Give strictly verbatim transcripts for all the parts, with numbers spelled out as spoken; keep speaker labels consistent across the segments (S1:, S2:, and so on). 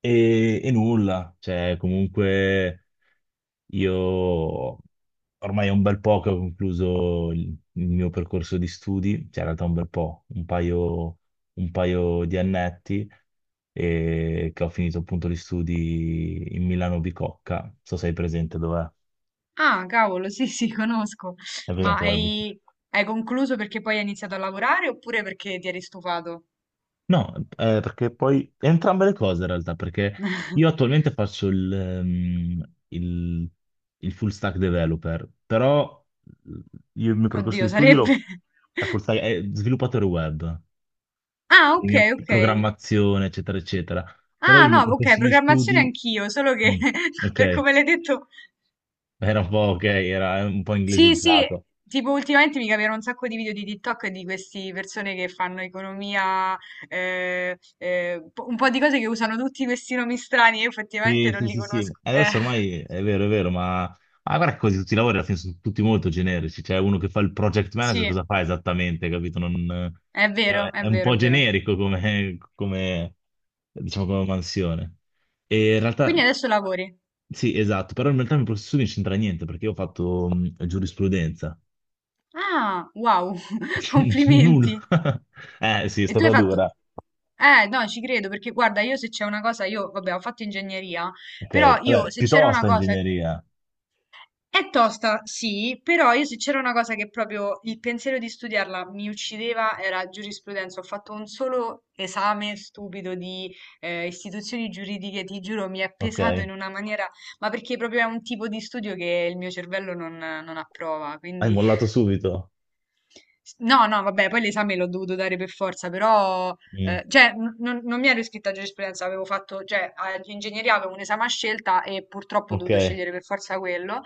S1: E, e nulla, cioè comunque io ormai è un bel po' che ho concluso il, il mio percorso di studi, cioè in realtà un bel po', un paio, un paio di annetti e che ho finito appunto gli studi in Milano Bicocca, non so se sei presente dov'è,
S2: Ah, cavolo, sì, sì, conosco.
S1: sei
S2: Ma
S1: presente dov'è.
S2: hai, hai concluso perché poi hai iniziato a lavorare oppure perché ti eri stufato?
S1: No, eh, perché poi entrambe le cose in realtà, perché io attualmente faccio il, ehm, il- il full stack developer, però io il mio percorso di
S2: Oddio,
S1: studio
S2: sarebbe...
S1: lo- è, full stack- è sviluppatore web,
S2: Ah, ok,
S1: quindi ho
S2: ok.
S1: programmazione, eccetera, eccetera. Però
S2: Ah,
S1: il mio
S2: no, ok,
S1: percorso di
S2: programmazione
S1: studi,
S2: anch'io, solo che
S1: mm,
S2: per
S1: ok,
S2: come l'hai detto...
S1: era un po' ok, era un po'
S2: Sì, sì,
S1: inglesizzato.
S2: tipo ultimamente mi capivano un sacco di video di TikTok di queste persone che fanno economia, eh, eh, po- un po' di cose che usano tutti questi nomi strani, io effettivamente
S1: Sì,
S2: non
S1: sì,
S2: li
S1: sì, sì.
S2: conosco. Eh,
S1: Adesso ormai è vero, è vero, ma, ma guarda che quasi tutti i lavori alla fine sono tutti molto generici. C'è uno che fa il project manager,
S2: sì,
S1: cosa fa esattamente, capito? Non- eh,
S2: è vero,
S1: è,
S2: è
S1: è un
S2: vero, è
S1: po'
S2: vero.
S1: generico come, come, diciamo, come mansione. E in realtà,
S2: Quindi adesso lavori.
S1: sì, esatto, però in realtà il mio processo non c'entra niente perché io ho fatto mh, giurisprudenza.
S2: Ah, wow,
S1: Nulla.
S2: complimenti.
S1: Eh, sì, è
S2: E tu hai
S1: stata
S2: fatto...
S1: dura.
S2: Eh, no, ci credo, perché guarda, io se c'è una cosa, io, vabbè, ho fatto ingegneria, però
S1: Ok,
S2: io
S1: vabbè,
S2: se c'era una
S1: piuttosto
S2: cosa...
S1: ingegneria,
S2: È tosta, sì, però io se c'era una cosa che proprio il pensiero di studiarla mi uccideva era giurisprudenza. Ho fatto un solo esame stupido di eh, istituzioni giuridiche, ti giuro, mi è
S1: ok?
S2: pesato
S1: Hai
S2: in una maniera, ma perché proprio è un tipo di studio che il mio cervello non non approva, quindi...
S1: mollato subito.
S2: S- No, no, vabbè, poi l'esame l'ho dovuto dare per forza, però,
S1: Mm.
S2: eh, cioè, n- non, non mi ero iscritta a giurisprudenza, avevo fatto, cioè, all'ingegneria avevo un esame a scelta e purtroppo ho
S1: Ok.
S2: dovuto scegliere per forza quello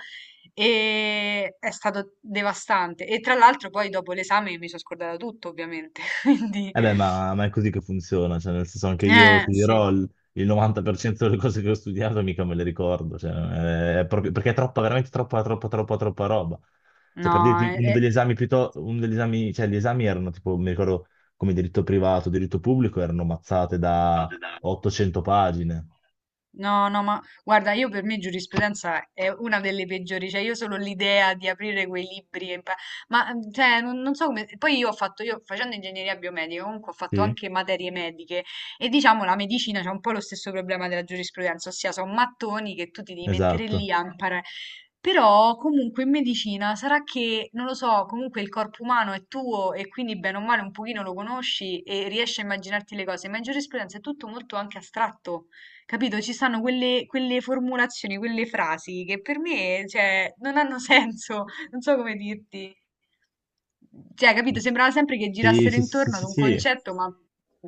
S2: e è stato devastante. E tra l'altro poi dopo l'esame mi sono scordata tutto, ovviamente, quindi,
S1: Eh beh, ma, ma è così che funziona, cioè, nel senso anche io
S2: eh,
S1: ti
S2: sì,
S1: dirò il, il novanta per cento delle cose che ho studiato mica me le ricordo, cioè, è, è proprio, perché è troppa, veramente troppa, troppa, troppa, troppa roba. Cioè, per
S2: no,
S1: dirti,
S2: è,
S1: uno
S2: è-
S1: degli esami piuttosto, uno degli esami, cioè, gli esami erano tipo, mi ricordo, come diritto privato, diritto pubblico, erano mazzate da ottocento pagine.
S2: No, no, ma guarda, io per me giurisprudenza è una delle peggiori, cioè io solo l'idea di aprire quei libri, e impa- ma mm, cioè, non, non so come, poi io ho fatto, io facendo ingegneria biomedica comunque ho fatto
S1: Sì,
S2: anche materie mediche e diciamo la medicina c'è un po' lo stesso problema della giurisprudenza, ossia sono mattoni che tu ti devi mettere
S1: esatto.
S2: lì a imparare, però comunque in medicina sarà che, non lo so, comunque il corpo umano è tuo e quindi bene o male un pochino lo conosci e riesci a immaginarti le cose, ma in giurisprudenza è tutto molto anche astratto. Capito? Ci stanno quelle, quelle formulazioni, quelle frasi che per me, cioè, non hanno senso, non so come dirti. Cioè, capito? Sembrava sempre che
S1: Sì,
S2: girassero
S1: sì, sì, sì,
S2: intorno ad
S1: sì,
S2: un
S1: sì.
S2: concetto, ma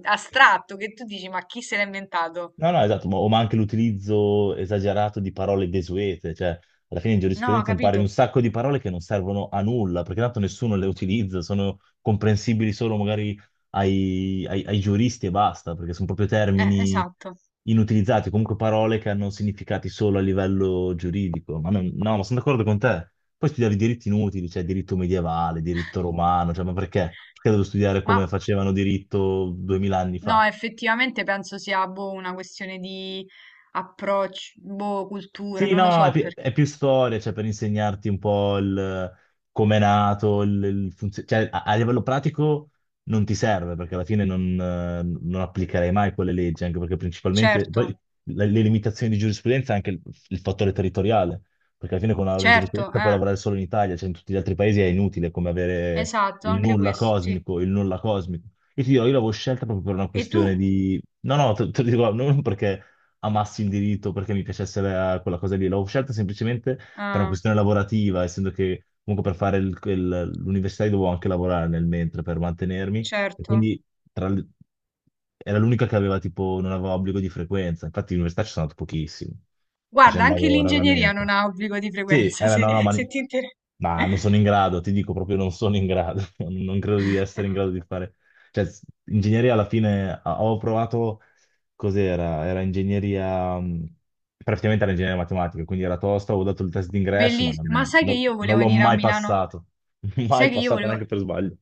S2: astratto, che tu dici, ma chi se l'ha inventato?
S1: No, no, esatto, ma, o ma anche l'utilizzo esagerato di parole desuete, cioè alla fine in
S2: No,
S1: giurisprudenza impari un
S2: capito?
S1: sacco di parole che non servono a nulla, perché tanto nessuno le utilizza, sono comprensibili solo magari ai, ai- ai giuristi e basta, perché sono proprio
S2: Eh,
S1: termini
S2: esatto.
S1: inutilizzati, comunque parole che hanno significati solo a livello giuridico. Ma non- no, ma sono d'accordo con te. Poi studiavi diritti inutili, cioè diritto medievale, diritto romano, cioè ma perché? Perché devo studiare
S2: Ma
S1: come facevano diritto duemila anni
S2: no,
S1: fa?
S2: effettivamente penso sia boh, una questione di approccio, boh, cultura,
S1: Sì,
S2: non lo
S1: no, è,
S2: so
S1: pi-
S2: perché.
S1: è più storia, cioè per insegnarti un po' il, come è nato, il, il funzio- cioè a, a livello pratico non ti serve perché alla fine non, eh, non applicherai mai quelle leggi, anche perché principalmente
S2: Certo,
S1: poi le, le limitazioni di giurisprudenza è anche il, il fattore territoriale, perché alla fine con la laurea in
S2: certo,
S1: giurisprudenza puoi
S2: eh,
S1: lavorare solo in Italia, cioè in tutti gli altri paesi è inutile, come avere
S2: esatto,
S1: il
S2: anche
S1: nulla
S2: questo, sì.
S1: cosmico, il nulla cosmico. Io ti dirò, io l'avevo scelta proprio per una
S2: E tu?
S1: questione di... No, no, te, te lo dico, non perché amassi il diritto perché mi piacesse la- quella cosa lì, l'ho scelta semplicemente per una
S2: Ah,
S1: questione lavorativa, essendo che comunque per fare il- il- l'università io dovevo anche lavorare nel mentre per mantenermi, e
S2: certo.
S1: quindi tra le- era l'unica che aveva tipo, non aveva obbligo di frequenza, infatti all'università ci sono andato pochissimo, cioè ci
S2: Guarda, anche
S1: andavo
S2: l'ingegneria non
S1: raramente.
S2: ha obbligo di
S1: Sì,
S2: frequenza,
S1: eh,
S2: se,
S1: no, no, ma,
S2: se ti interessa.
S1: ma non sono in grado, ti dico proprio non sono in grado, non credo di essere in grado di fare, cioè s- ingegneria alla fine ah, ho provato, cos'era? Era ingegneria, mh, praticamente era ingegneria matematica, quindi era tosta, avevo dato il test d'ingresso, ma
S2: Bellissimo. Ma
S1: non,
S2: sai che
S1: non-
S2: io
S1: non
S2: volevo
S1: l'ho
S2: venire a
S1: mai
S2: Milano?
S1: passato,
S2: Sai
S1: mai
S2: che io
S1: passato
S2: volevo...
S1: neanche per sbaglio.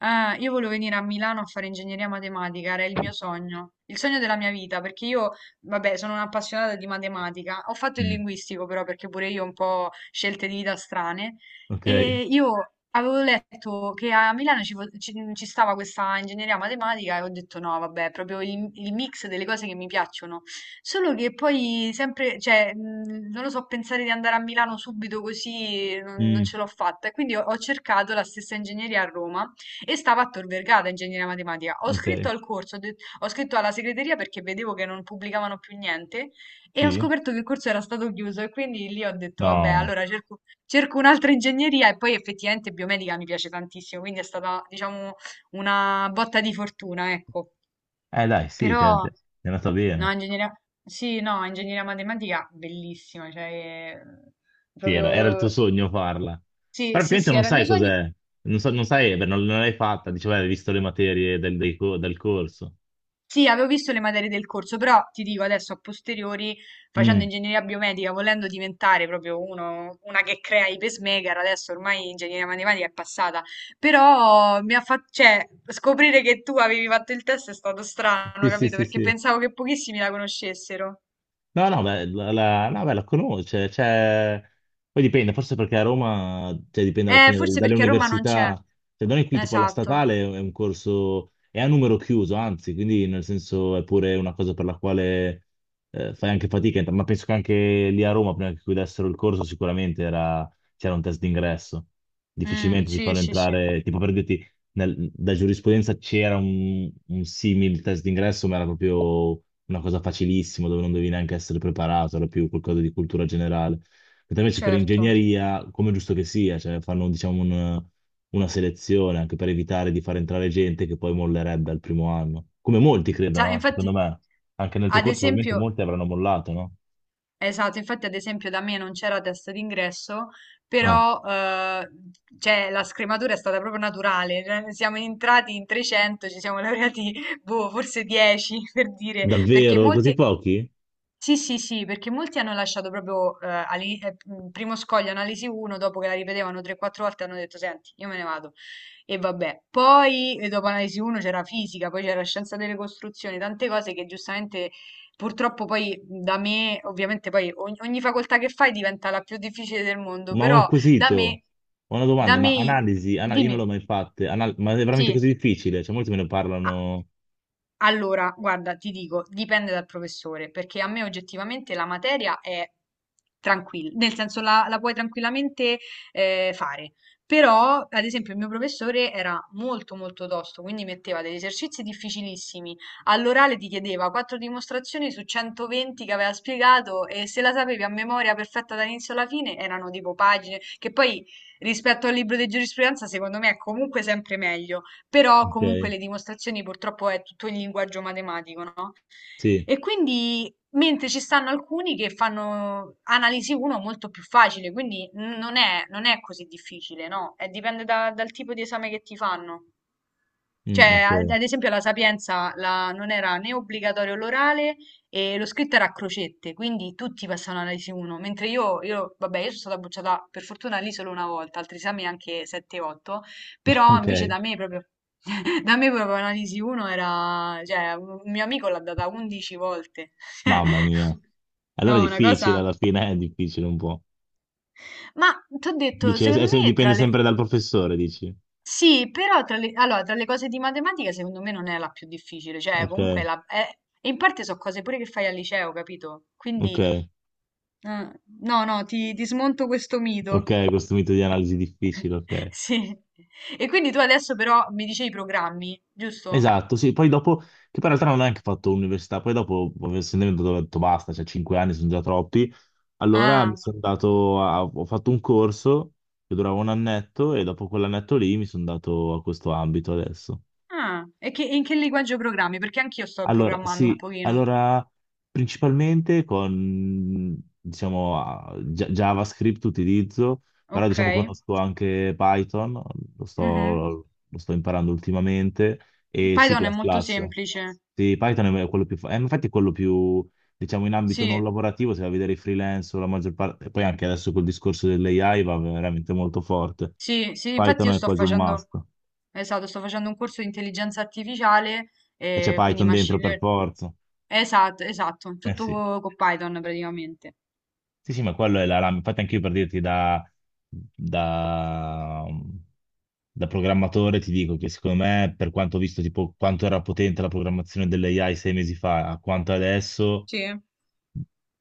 S2: Eh, io volevo venire a Milano a fare ingegneria matematica, era il mio sogno, il sogno della mia vita, perché io, vabbè, sono un'appassionata di matematica, ho fatto il
S1: Mm,
S2: linguistico però perché pure io ho un po' scelte di vita strane
S1: ok.
S2: e io avevo letto che a Milano ci, fo- ci- ci stava questa ingegneria matematica e ho detto no, vabbè, è proprio il, il mix delle cose che mi piacciono, solo che poi sempre, cioè, mh, non lo so, pensare di andare a Milano subito così non, non
S1: Mm,
S2: ce l'ho fatta e quindi ho ho cercato la stessa ingegneria a Roma e stava a Tor Vergata, ingegneria matematica. Ho
S1: ok,
S2: scritto al corso, ho det- ho scritto alla segreteria perché vedevo che non pubblicavano più niente e ho
S1: sì,
S2: scoperto che il corso era stato chiuso e quindi lì ho detto, vabbè,
S1: no,
S2: allora cerco, cerco un'altra ingegneria e poi effettivamente biomedica mi piace tantissimo, quindi è stata, diciamo, una botta di fortuna, ecco.
S1: eh dai, sì,
S2: Però,
S1: ti è ti è andata
S2: no,
S1: bene.
S2: ingegneria, sì, no, ingegneria matematica, bellissima, cioè, eh,
S1: Sì, era, era il tuo
S2: proprio,
S1: sogno farla.
S2: sì,
S1: Però
S2: sì,
S1: praticamente
S2: sì,
S1: non
S2: era il mio
S1: sai
S2: sogno.
S1: cos'è. Non so- non sai, beh, non, non l'hai fatta. Dicevo, hai visto le materie del, dei co- del corso.
S2: Sì, avevo visto le materie del corso, però ti dico adesso a posteriori, facendo
S1: Mm.
S2: ingegneria biomedica, volendo diventare proprio uno, una che crea i pacemaker, adesso ormai ingegneria matematica è passata, però mi ha fatto, cioè, scoprire che tu avevi fatto il test è stato strano,
S1: Sì, sì,
S2: capito?
S1: sì,
S2: Perché
S1: sì.
S2: pensavo che pochissimi la conoscessero.
S1: No, no, beh, la, la- no, beh, la conosce, cioè, poi dipende, forse perché a Roma, cioè, dipende alla
S2: Eh,
S1: fine dal-
S2: forse
S1: dalle,
S2: perché a Roma non c'è.
S1: università, cioè, da noi qui tipo alla
S2: Esatto.
S1: statale è un corso, è a numero chiuso, anzi, quindi nel senso è pure una cosa per la quale eh, fai anche fatica, ma penso che anche lì a Roma, prima che chiudessero il corso, sicuramente era- c'era un test d'ingresso,
S2: Mm,
S1: difficilmente ti
S2: sì,
S1: fanno
S2: sì, sì,
S1: entrare, tipo per dirti, nel- da giurisprudenza c'era un, un simile test d'ingresso, ma era proprio una cosa facilissima dove non devi neanche essere preparato, era più qualcosa di cultura generale. Mentre invece per
S2: certo.
S1: ingegneria, come è giusto che sia, cioè fanno diciamo un- una selezione anche per evitare di far entrare gente che poi mollerebbe al primo anno. Come molti
S2: Sa-
S1: credono, no? Secondo
S2: infatti,
S1: me, anche nel tuo
S2: ad
S1: corso probabilmente
S2: esempio...
S1: molti avranno mollato, no?
S2: Esatto, infatti ad esempio da me non c'era test d'ingresso,
S1: Ah,
S2: però eh, cioè, la scrematura è stata proprio naturale, cioè, ne siamo entrati in trecento, ci siamo laureati boh, forse dieci per dire, perché
S1: davvero? Così
S2: molti
S1: pochi?
S2: sì, sì, sì, perché molti hanno lasciato proprio eh, all'ini- eh, mh, primo scoglio analisi uno, dopo che la ripetevano tre o quattro volte hanno detto, senti, io me ne vado. E vabbè, poi eh, dopo analisi uno c'era fisica, poi c'era scienza delle costruzioni, tante cose che giustamente purtroppo poi da me, ovviamente poi ogni, ogni facoltà che fai diventa la più difficile del mondo,
S1: Ma ho un
S2: però da
S1: quesito,
S2: me,
S1: ho una
S2: da
S1: domanda, ma
S2: me,
S1: analisi, ana- io non
S2: dimmi,
S1: l'ho mai fatta, ma è veramente
S2: sì.
S1: così difficile? Cioè molti me ne
S2: Ah,
S1: parlano,
S2: allora, guarda, ti dico, dipende dal professore, perché a me oggettivamente la materia è tranquilla, nel senso la, la puoi tranquillamente eh, fare. Però, ad esempio, il mio professore era molto molto tosto, quindi metteva degli esercizi difficilissimi. All'orale ti chiedeva quattro dimostrazioni su centoventi che aveva spiegato e se la sapevi a memoria perfetta dall'inizio alla fine erano tipo pagine, che poi rispetto al libro di giurisprudenza secondo me è comunque sempre meglio però comunque
S1: ok?
S2: le dimostrazioni purtroppo è tutto in linguaggio matematico, no?
S1: Sì,
S2: E quindi, mentre ci stanno alcuni che fanno analisi uno molto più facile, quindi n- non è, non è così difficile, no? Eh, dipende da- dal tipo di esame che ti fanno.
S1: mm,
S2: Cioè,
S1: ok,
S2: ad ad esempio, la Sapienza la- non era né obbligatorio l'orale e lo scritto era a crocette, quindi tutti passavano all'A I S I uno, mentre io, io, vabbè, io sono stata bocciata per fortuna lì solo una volta, altri esami anche sette o otto, però invece
S1: ok.
S2: da me proprio, da me proprio analisi uno era, cioè, un un mio amico l'ha data undici volte.
S1: Mamma mia. Allora è
S2: No, una
S1: difficile,
S2: cosa...
S1: alla fine è difficile un po'.
S2: Ma ti ho detto,
S1: Dici, è- è
S2: secondo
S1: se-
S2: me
S1: dipende
S2: tra le,
S1: sempre dal professore, dici.
S2: sì, però tra le, allora, tra le cose di matematica secondo me non è la più difficile, cioè comunque
S1: Ok,
S2: la, è- e in parte sono cose pure che fai al liceo, capito?
S1: ok,
S2: Quindi, eh, no, no, ti, ti smonto questo mito.
S1: ok, questo mito di analisi difficile, ok.
S2: Sì. E quindi tu adesso però mi dicevi i programmi, giusto?
S1: Esatto, sì, poi dopo, che poi in realtà non ho neanche fatto università, poi dopo, essendo ho detto basta, cioè cinque anni sono già troppi, allora mi
S2: Ah,
S1: sono dato, a- ho fatto un corso che durava un annetto e dopo quell'annetto lì mi sono dato a questo ambito adesso.
S2: ah, e che, in che linguaggio programmi? Perché anch'io sto
S1: Allora,
S2: programmando un
S1: sì,
S2: pochino.
S1: allora principalmente con, diciamo, ah, Gia- JavaScript utilizzo, però
S2: Ok.
S1: diciamo conosco anche Python, lo
S2: Mhm.
S1: sto, lo sto imparando ultimamente, e C++.
S2: Python è
S1: Plus
S2: molto
S1: plus.
S2: semplice.
S1: Sì, Python è quello più, fa- eh, infatti è quello più, diciamo, in ambito non
S2: Sì.
S1: lavorativo, se vai a vedere i freelance o la maggior parte, e poi anche adesso col discorso dell'A I va veramente molto forte.
S2: Sì, sì, infatti
S1: Python
S2: io
S1: è
S2: sto
S1: quasi un must,
S2: facendo, esatto, sto facendo un corso di intelligenza artificiale,
S1: e c'è
S2: e quindi
S1: Python dentro
S2: machine
S1: per
S2: learning.
S1: forza.
S2: Esatto, esatto,
S1: Eh
S2: tutto
S1: sì.
S2: co- con Python praticamente.
S1: Sì, sì, ma quello è la RAM. Infatti anche io per dirti da, da- da programmatore ti dico che secondo me, per quanto ho visto tipo quanto era potente la programmazione dell'A I sei mesi fa a quanto adesso,
S2: Sì,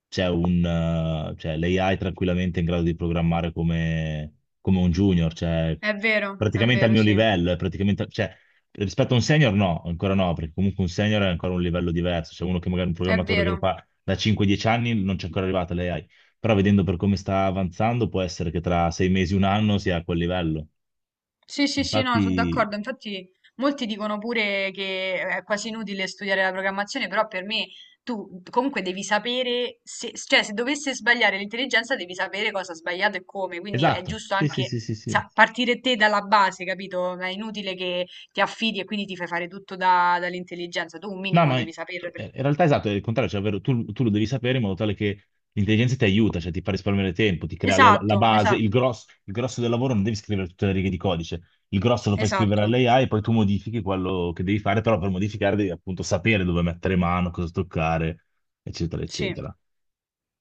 S1: c'è un, eh, cioè, l'A I tranquillamente è in grado di programmare come, come un junior, cioè
S2: è vero, è
S1: praticamente al
S2: vero,
S1: mio
S2: sì,
S1: livello, è praticamente, cioè, rispetto a un senior no, ancora no, perché comunque un senior è ancora un livello diverso, c'è uno che magari è un
S2: è
S1: programmatore che lo
S2: vero.
S1: fa da cinque dieci anni non c'è ancora arrivata l'A I, però vedendo per come sta avanzando può essere che tra sei mesi, un anno sia a quel livello.
S2: Sì, sì, sì, no, sono
S1: Infatti,
S2: d'accordo. Infatti, molti dicono pure che è quasi inutile studiare la programmazione, però per me tu comunque devi sapere, se, cioè se dovesse sbagliare l'intelligenza, devi sapere cosa ha sbagliato e come. Quindi è
S1: esatto,
S2: giusto
S1: sì, sì, sì,
S2: anche
S1: sì, sì.
S2: sa- partire te dalla base, capito? È inutile che ti affidi e quindi ti fai fare tutto da- dall'intelligenza. Tu un
S1: No,
S2: minimo
S1: ma
S2: devi
S1: in
S2: saperlo.
S1: in
S2: perché-
S1: realtà esatto, è il contrario, cioè, ovvero tu, tu lo devi sapere in modo tale che l'intelligenza ti aiuta, cioè ti fa risparmiare tempo, ti crea le- la
S2: Esatto,
S1: base, il
S2: esatto,
S1: grosso, il grosso del lavoro non devi scrivere tutte le righe di codice, il grosso lo fai scrivere
S2: esatto.
S1: all'A I e poi tu modifichi quello che devi fare, però per modificare devi appunto sapere dove mettere mano, cosa toccare, eccetera,
S2: Sì.
S1: eccetera.